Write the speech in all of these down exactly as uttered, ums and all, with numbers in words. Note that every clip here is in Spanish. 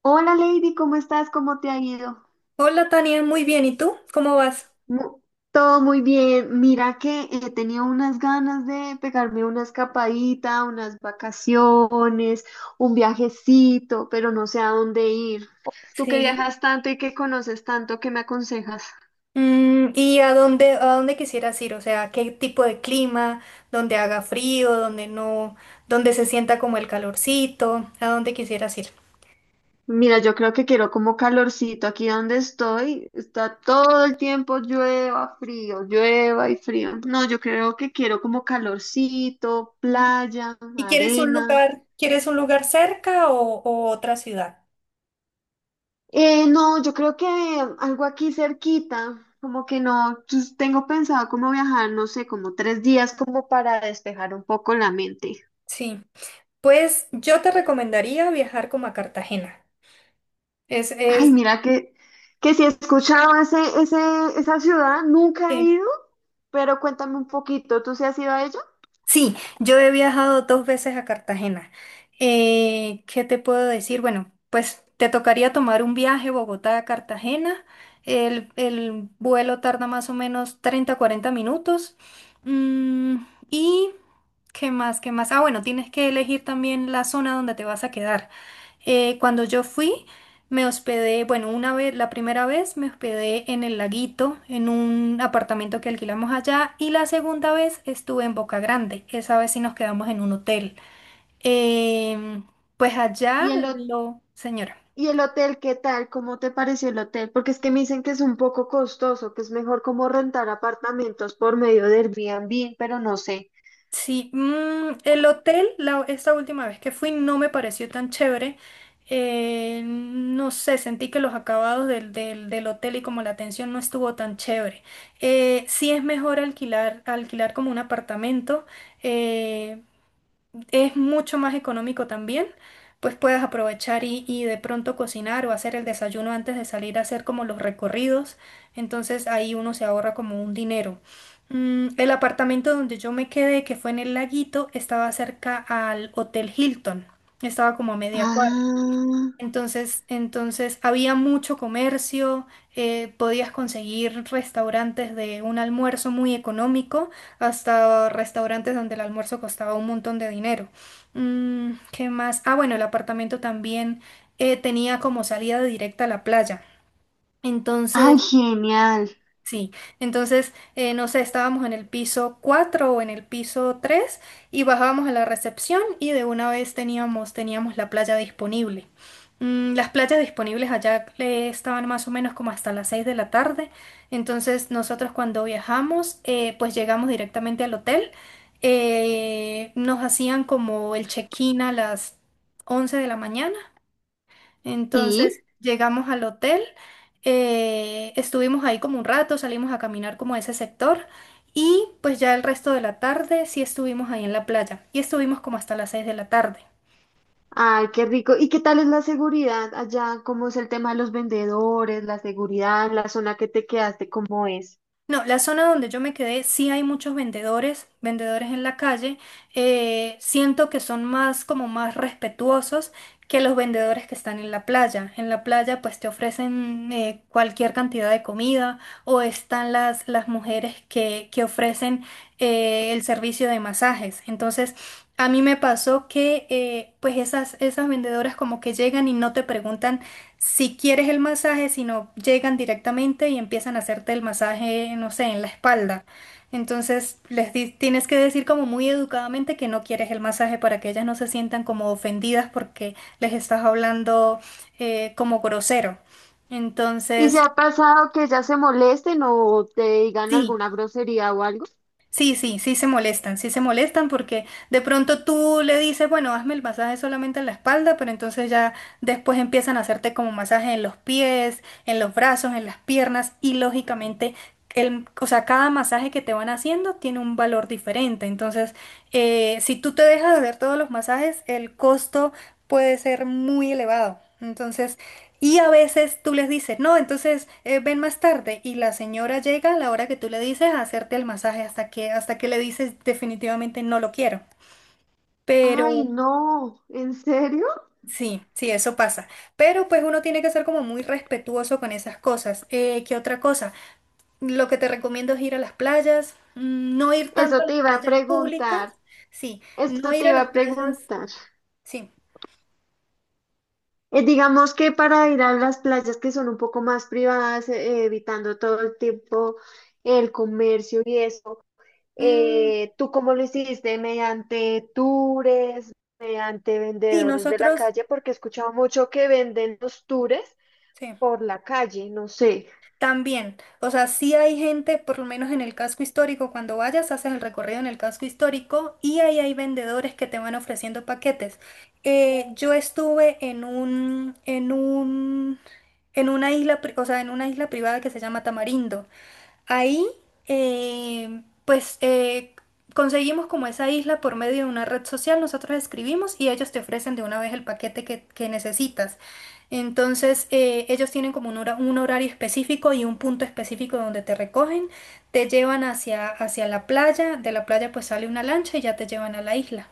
Hola Lady, ¿cómo estás? ¿Cómo te ha ido? Hola Tania, muy bien. ¿Y tú? ¿Cómo vas? Mu- Todo muy bien. Mira que he tenido unas ganas de pegarme una escapadita, unas vacaciones, un viajecito, pero no sé a dónde ir. Tú que Sí. viajas tanto y que conoces tanto, ¿qué me aconsejas? Mm, ¿y a dónde, a dónde quisieras ir? O sea, ¿qué tipo de clima? ¿Dónde haga frío? ¿Dónde no? ¿Dónde se sienta como el calorcito? ¿A dónde quisieras ir? Mira, yo creo que quiero como calorcito. Aquí donde estoy, está todo el tiempo llueva, frío, llueva y frío. No, yo creo que quiero como calorcito, playa, ¿Y quieres un arena. lugar, quieres un lugar cerca o, o otra ciudad? Eh, no, yo creo que algo aquí cerquita, como que no, pues, tengo pensado como viajar, no sé, como tres días como para despejar un poco la mente. Sí. Pues yo te recomendaría viajar como a Cartagena. Es, Ay, es, mira que, que si he escuchado ese, ese, esa ciudad, nunca he Sí. ido, pero cuéntame un poquito, ¿tú sí has ido a ella? Sí, yo he viajado dos veces a Cartagena. Eh, ¿qué te puedo decir? Bueno, pues te tocaría tomar un viaje Bogotá a Cartagena. El, el vuelo tarda más o menos treinta cuarenta minutos. Mm, ¿y qué más? ¿Qué más? Ah, bueno, tienes que elegir también la zona donde te vas a quedar. Eh, cuando yo fui, me hospedé, bueno, una vez, la primera vez me hospedé en el Laguito, en un apartamento que alquilamos allá, y la segunda vez estuve en Boca Grande. Esa vez sí nos quedamos en un hotel. Em, pues allá ¿Y el, ho- lo, señora. y el hotel, qué tal? ¿Cómo te pareció el hotel? Porque es que me dicen que es un poco costoso, que es mejor como rentar apartamentos por medio de Airbnb, pero no sé. Sí, mm, el hotel, la- esta última vez que fui, no me pareció tan chévere. Eh, no sé, sentí que los acabados del, del, del hotel y como la atención no estuvo tan chévere. Eh, sí es mejor alquilar, alquilar como un apartamento. eh, es mucho más económico también, pues puedes aprovechar y, y de pronto cocinar o hacer el desayuno antes de salir a hacer como los recorridos, entonces ahí uno se ahorra como un dinero. Mm, el apartamento donde yo me quedé, que fue en el Laguito, estaba cerca al Hotel Hilton, estaba como a media cuadra. Ah, Entonces, entonces había mucho comercio, eh, podías conseguir restaurantes de un almuerzo muy económico hasta restaurantes donde el almuerzo costaba un montón de dinero. Mm, ¿qué más? Ah, bueno, el apartamento también eh, tenía como salida directa a la playa. ay, Entonces, genial. Sí, entonces, eh, no sé, estábamos en el piso cuatro o en el piso tres y bajábamos a la recepción y de una vez teníamos, teníamos la playa disponible. Mm, las playas disponibles allá eh, estaban más o menos como hasta las seis de la tarde, entonces nosotros cuando viajamos, eh, pues llegamos directamente al hotel, eh, nos hacían como el check-in a las once de la mañana, entonces Sí, llegamos al hotel, eh, estuvimos ahí como un rato, salimos a caminar como a ese sector, y pues ya el resto de la tarde sí estuvimos ahí en la playa y estuvimos como hasta las seis de la tarde. ay, qué rico. ¿Y qué tal es la seguridad allá? ¿Cómo es el tema de los vendedores, la seguridad, la zona que te quedaste, cómo es? No, la zona donde yo me quedé, sí hay muchos vendedores, vendedores en la calle. eh, siento que son más como más respetuosos que los vendedores que están en la playa. En la playa pues te ofrecen eh, cualquier cantidad de comida, o están las, las mujeres que, que ofrecen eh, el servicio de masajes. Entonces, a mí me pasó que eh, pues esas, esas vendedoras como que llegan y no te preguntan si quieres el masaje, sino llegan directamente y empiezan a hacerte el masaje, no sé, en la espalda. Entonces les di- tienes que decir como muy educadamente que no quieres el masaje, para que ellas no se sientan como ofendidas porque les estás hablando eh, como grosero. ¿Y se Entonces, ha pasado que ya se molesten o te digan sí. alguna grosería o algo? Sí, sí, sí se molestan, sí se molestan, porque de pronto tú le dices, bueno, hazme el masaje solamente en la espalda, pero entonces ya después empiezan a hacerte como masaje en los pies, en los brazos, en las piernas y, lógicamente, el, o sea, cada masaje que te van haciendo tiene un valor diferente. Entonces, eh, si tú te dejas de hacer todos los masajes, el costo puede ser muy elevado. Entonces, y a veces tú les dices, no, entonces eh, ven más tarde, y la señora llega a la hora que tú le dices a hacerte el masaje hasta que, hasta que le dices definitivamente no lo quiero. Ay, Pero no, ¿en serio? sí, sí, eso pasa. Pero pues uno tiene que ser como muy respetuoso con esas cosas. Eh, ¿qué otra cosa? Lo que te recomiendo es ir a las playas, mm, no ir tanto Eso a te las iba a playas públicas, preguntar, sí, no eso te ir a iba las a playas, preguntar. sí. Eh, digamos que para ir a las playas que son un poco más privadas, eh, evitando todo el tiempo el comercio y eso. Mm, Eh, ¿tú cómo lo hiciste? ¿Mediante tours, mediante sí, vendedores de la nosotros, calle? Porque he escuchado mucho que venden los tours sí. por la calle, no sé. También, o sea, sí hay gente, por lo menos en el casco histórico, cuando vayas, haces el recorrido en el casco histórico, y ahí hay vendedores que te van ofreciendo paquetes. Eh, yo estuve en un, en un, en una isla, pri- o sea, en una isla privada que se llama Tamarindo. Ahí, eh, pues eh, conseguimos como esa isla por medio de una red social, nosotros escribimos y ellos te ofrecen de una vez el paquete que, que necesitas. Entonces, eh, ellos tienen como un, hora- un horario específico y un punto específico donde te recogen, te llevan hacia, hacia la playa, de la playa pues sale una lancha y ya te llevan a la isla.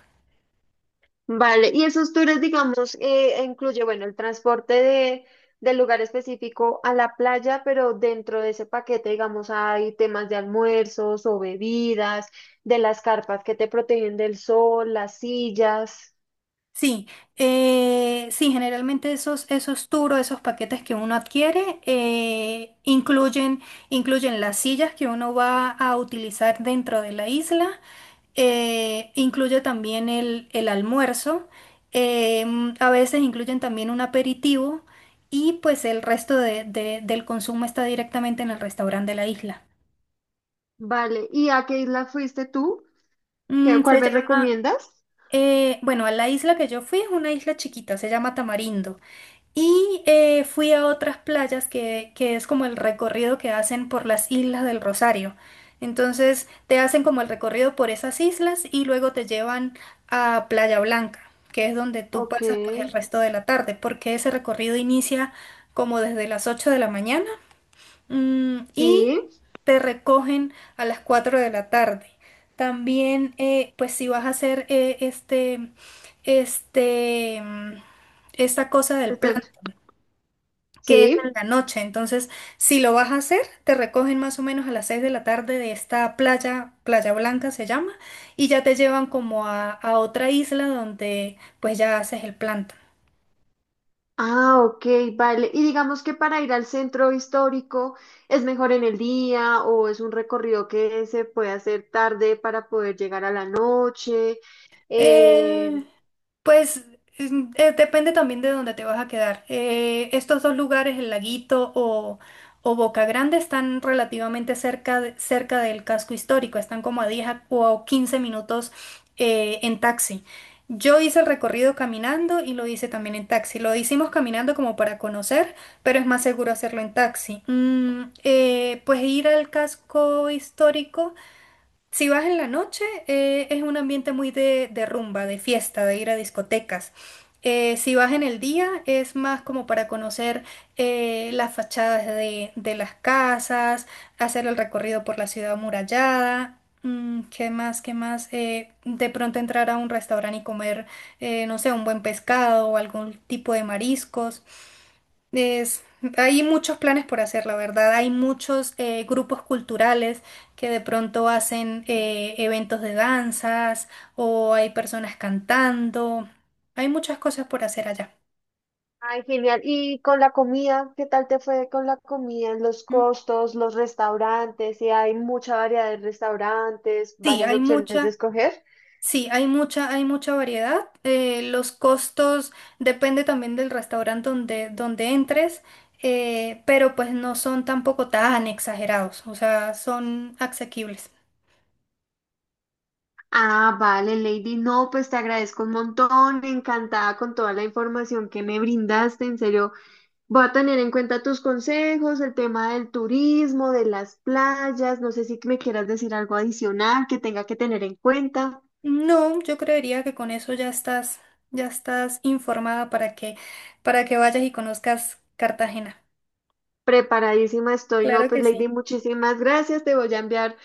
Vale, y esos tours, digamos, eh, incluye, bueno, el transporte de, del lugar específico a la playa, pero dentro de ese paquete, digamos, hay temas de almuerzos o bebidas, de las carpas que te protegen del sol, las sillas. Sí, eh, sí, generalmente esos, esos turos, esos paquetes que uno adquiere, eh, incluyen, incluyen las sillas que uno va a utilizar dentro de la isla, eh, incluye también el, el almuerzo, eh, a veces incluyen también un aperitivo, y pues el resto de- de- del consumo está directamente en el restaurante de la isla. Vale, ¿y a qué isla fuiste tú? ¿Qué, Mm, cuál se me llama, recomiendas? eh, bueno, a la isla que yo fui es una isla chiquita, se llama Tamarindo. Y eh, fui a otras playas, que, que es como el recorrido que hacen por las Islas del Rosario. Entonces te hacen como el recorrido por esas islas y luego te llevan a Playa Blanca, que es donde tú Ok, pasas pues el resto de la tarde, porque ese recorrido inicia como desde las ocho de la mañana, mm, y sí, te recogen a las cuatro de la tarde. También eh, pues si vas a hacer eh, este, este, mm, esta cosa del plan este- que es en sí. la noche. Entonces, si lo vas a hacer, te recogen más o menos a las seis de la tarde de esta playa, Playa Blanca se llama, y ya te llevan como a, a otra isla donde pues ya haces el planta. Ah, ok, vale. Y digamos que para ir al centro histórico es mejor en el día o es un recorrido que se puede hacer tarde para poder llegar a la noche. Eh, Pues mm, eh, depende también de dónde te vas a quedar. Eh, estos dos lugares, el Laguito o, o Boca Grande, están relativamente cerca, de- cerca del casco histórico, están como a diez a- o a quince minutos eh, en taxi. Yo hice el recorrido caminando y lo hice también en taxi. Lo hicimos caminando como para conocer, pero es más seguro hacerlo en taxi. Mm, eh, pues ir al casco histórico. Si vas en la noche, eh, es un ambiente muy de, de rumba, de fiesta, de ir a discotecas. Eh, si vas en el día, es más como para conocer eh, las fachadas de, de las casas, hacer el recorrido por la ciudad amurallada. Mm, ¿qué más? ¿Qué más? Eh, de pronto entrar a un restaurante y comer, eh, no sé, un buen pescado o algún tipo de mariscos. Es, Hay muchos planes por hacer, la verdad. Hay muchos eh, grupos culturales que de pronto hacen eh, eventos de danzas, o hay personas cantando. Hay muchas cosas por hacer allá. ay, genial. ¿Y con la comida? ¿Qué tal te fue con la comida? Los Mm. costos, los restaurantes, si hay mucha variedad de restaurantes, Sí, varias hay opciones de mucha, escoger. sí, hay mucha, hay mucha variedad. Eh, los costos depende también del restaurante donde, donde entres, eh, pero pues no son tampoco tan exagerados, o sea, son asequibles. Ah, vale, Lady. No, pues te agradezco un montón. Encantada con toda la información que me brindaste. En serio, voy a tener en cuenta tus consejos, el tema del turismo, de las playas. No sé si me quieras decir algo adicional que tenga que tener en cuenta. No, yo creería que con eso ya estás, ya estás, informada, para que, para que vayas y conozcas Cartagena. Preparadísima estoy. No, Claro pues que sí. Lady, muchísimas gracias. Te voy a enviar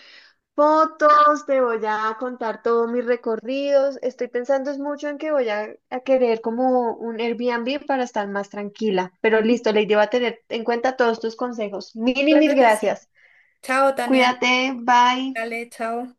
fotos, te voy a contar todos mis recorridos. Estoy pensando es mucho en que voy a, a querer como un Airbnb para estar más tranquila. Pero listo, Lady, va a tener en cuenta todos tus consejos. Mil y Claro mil que sí. gracias. Chao, Tania. Cuídate, bye. Dale, chao.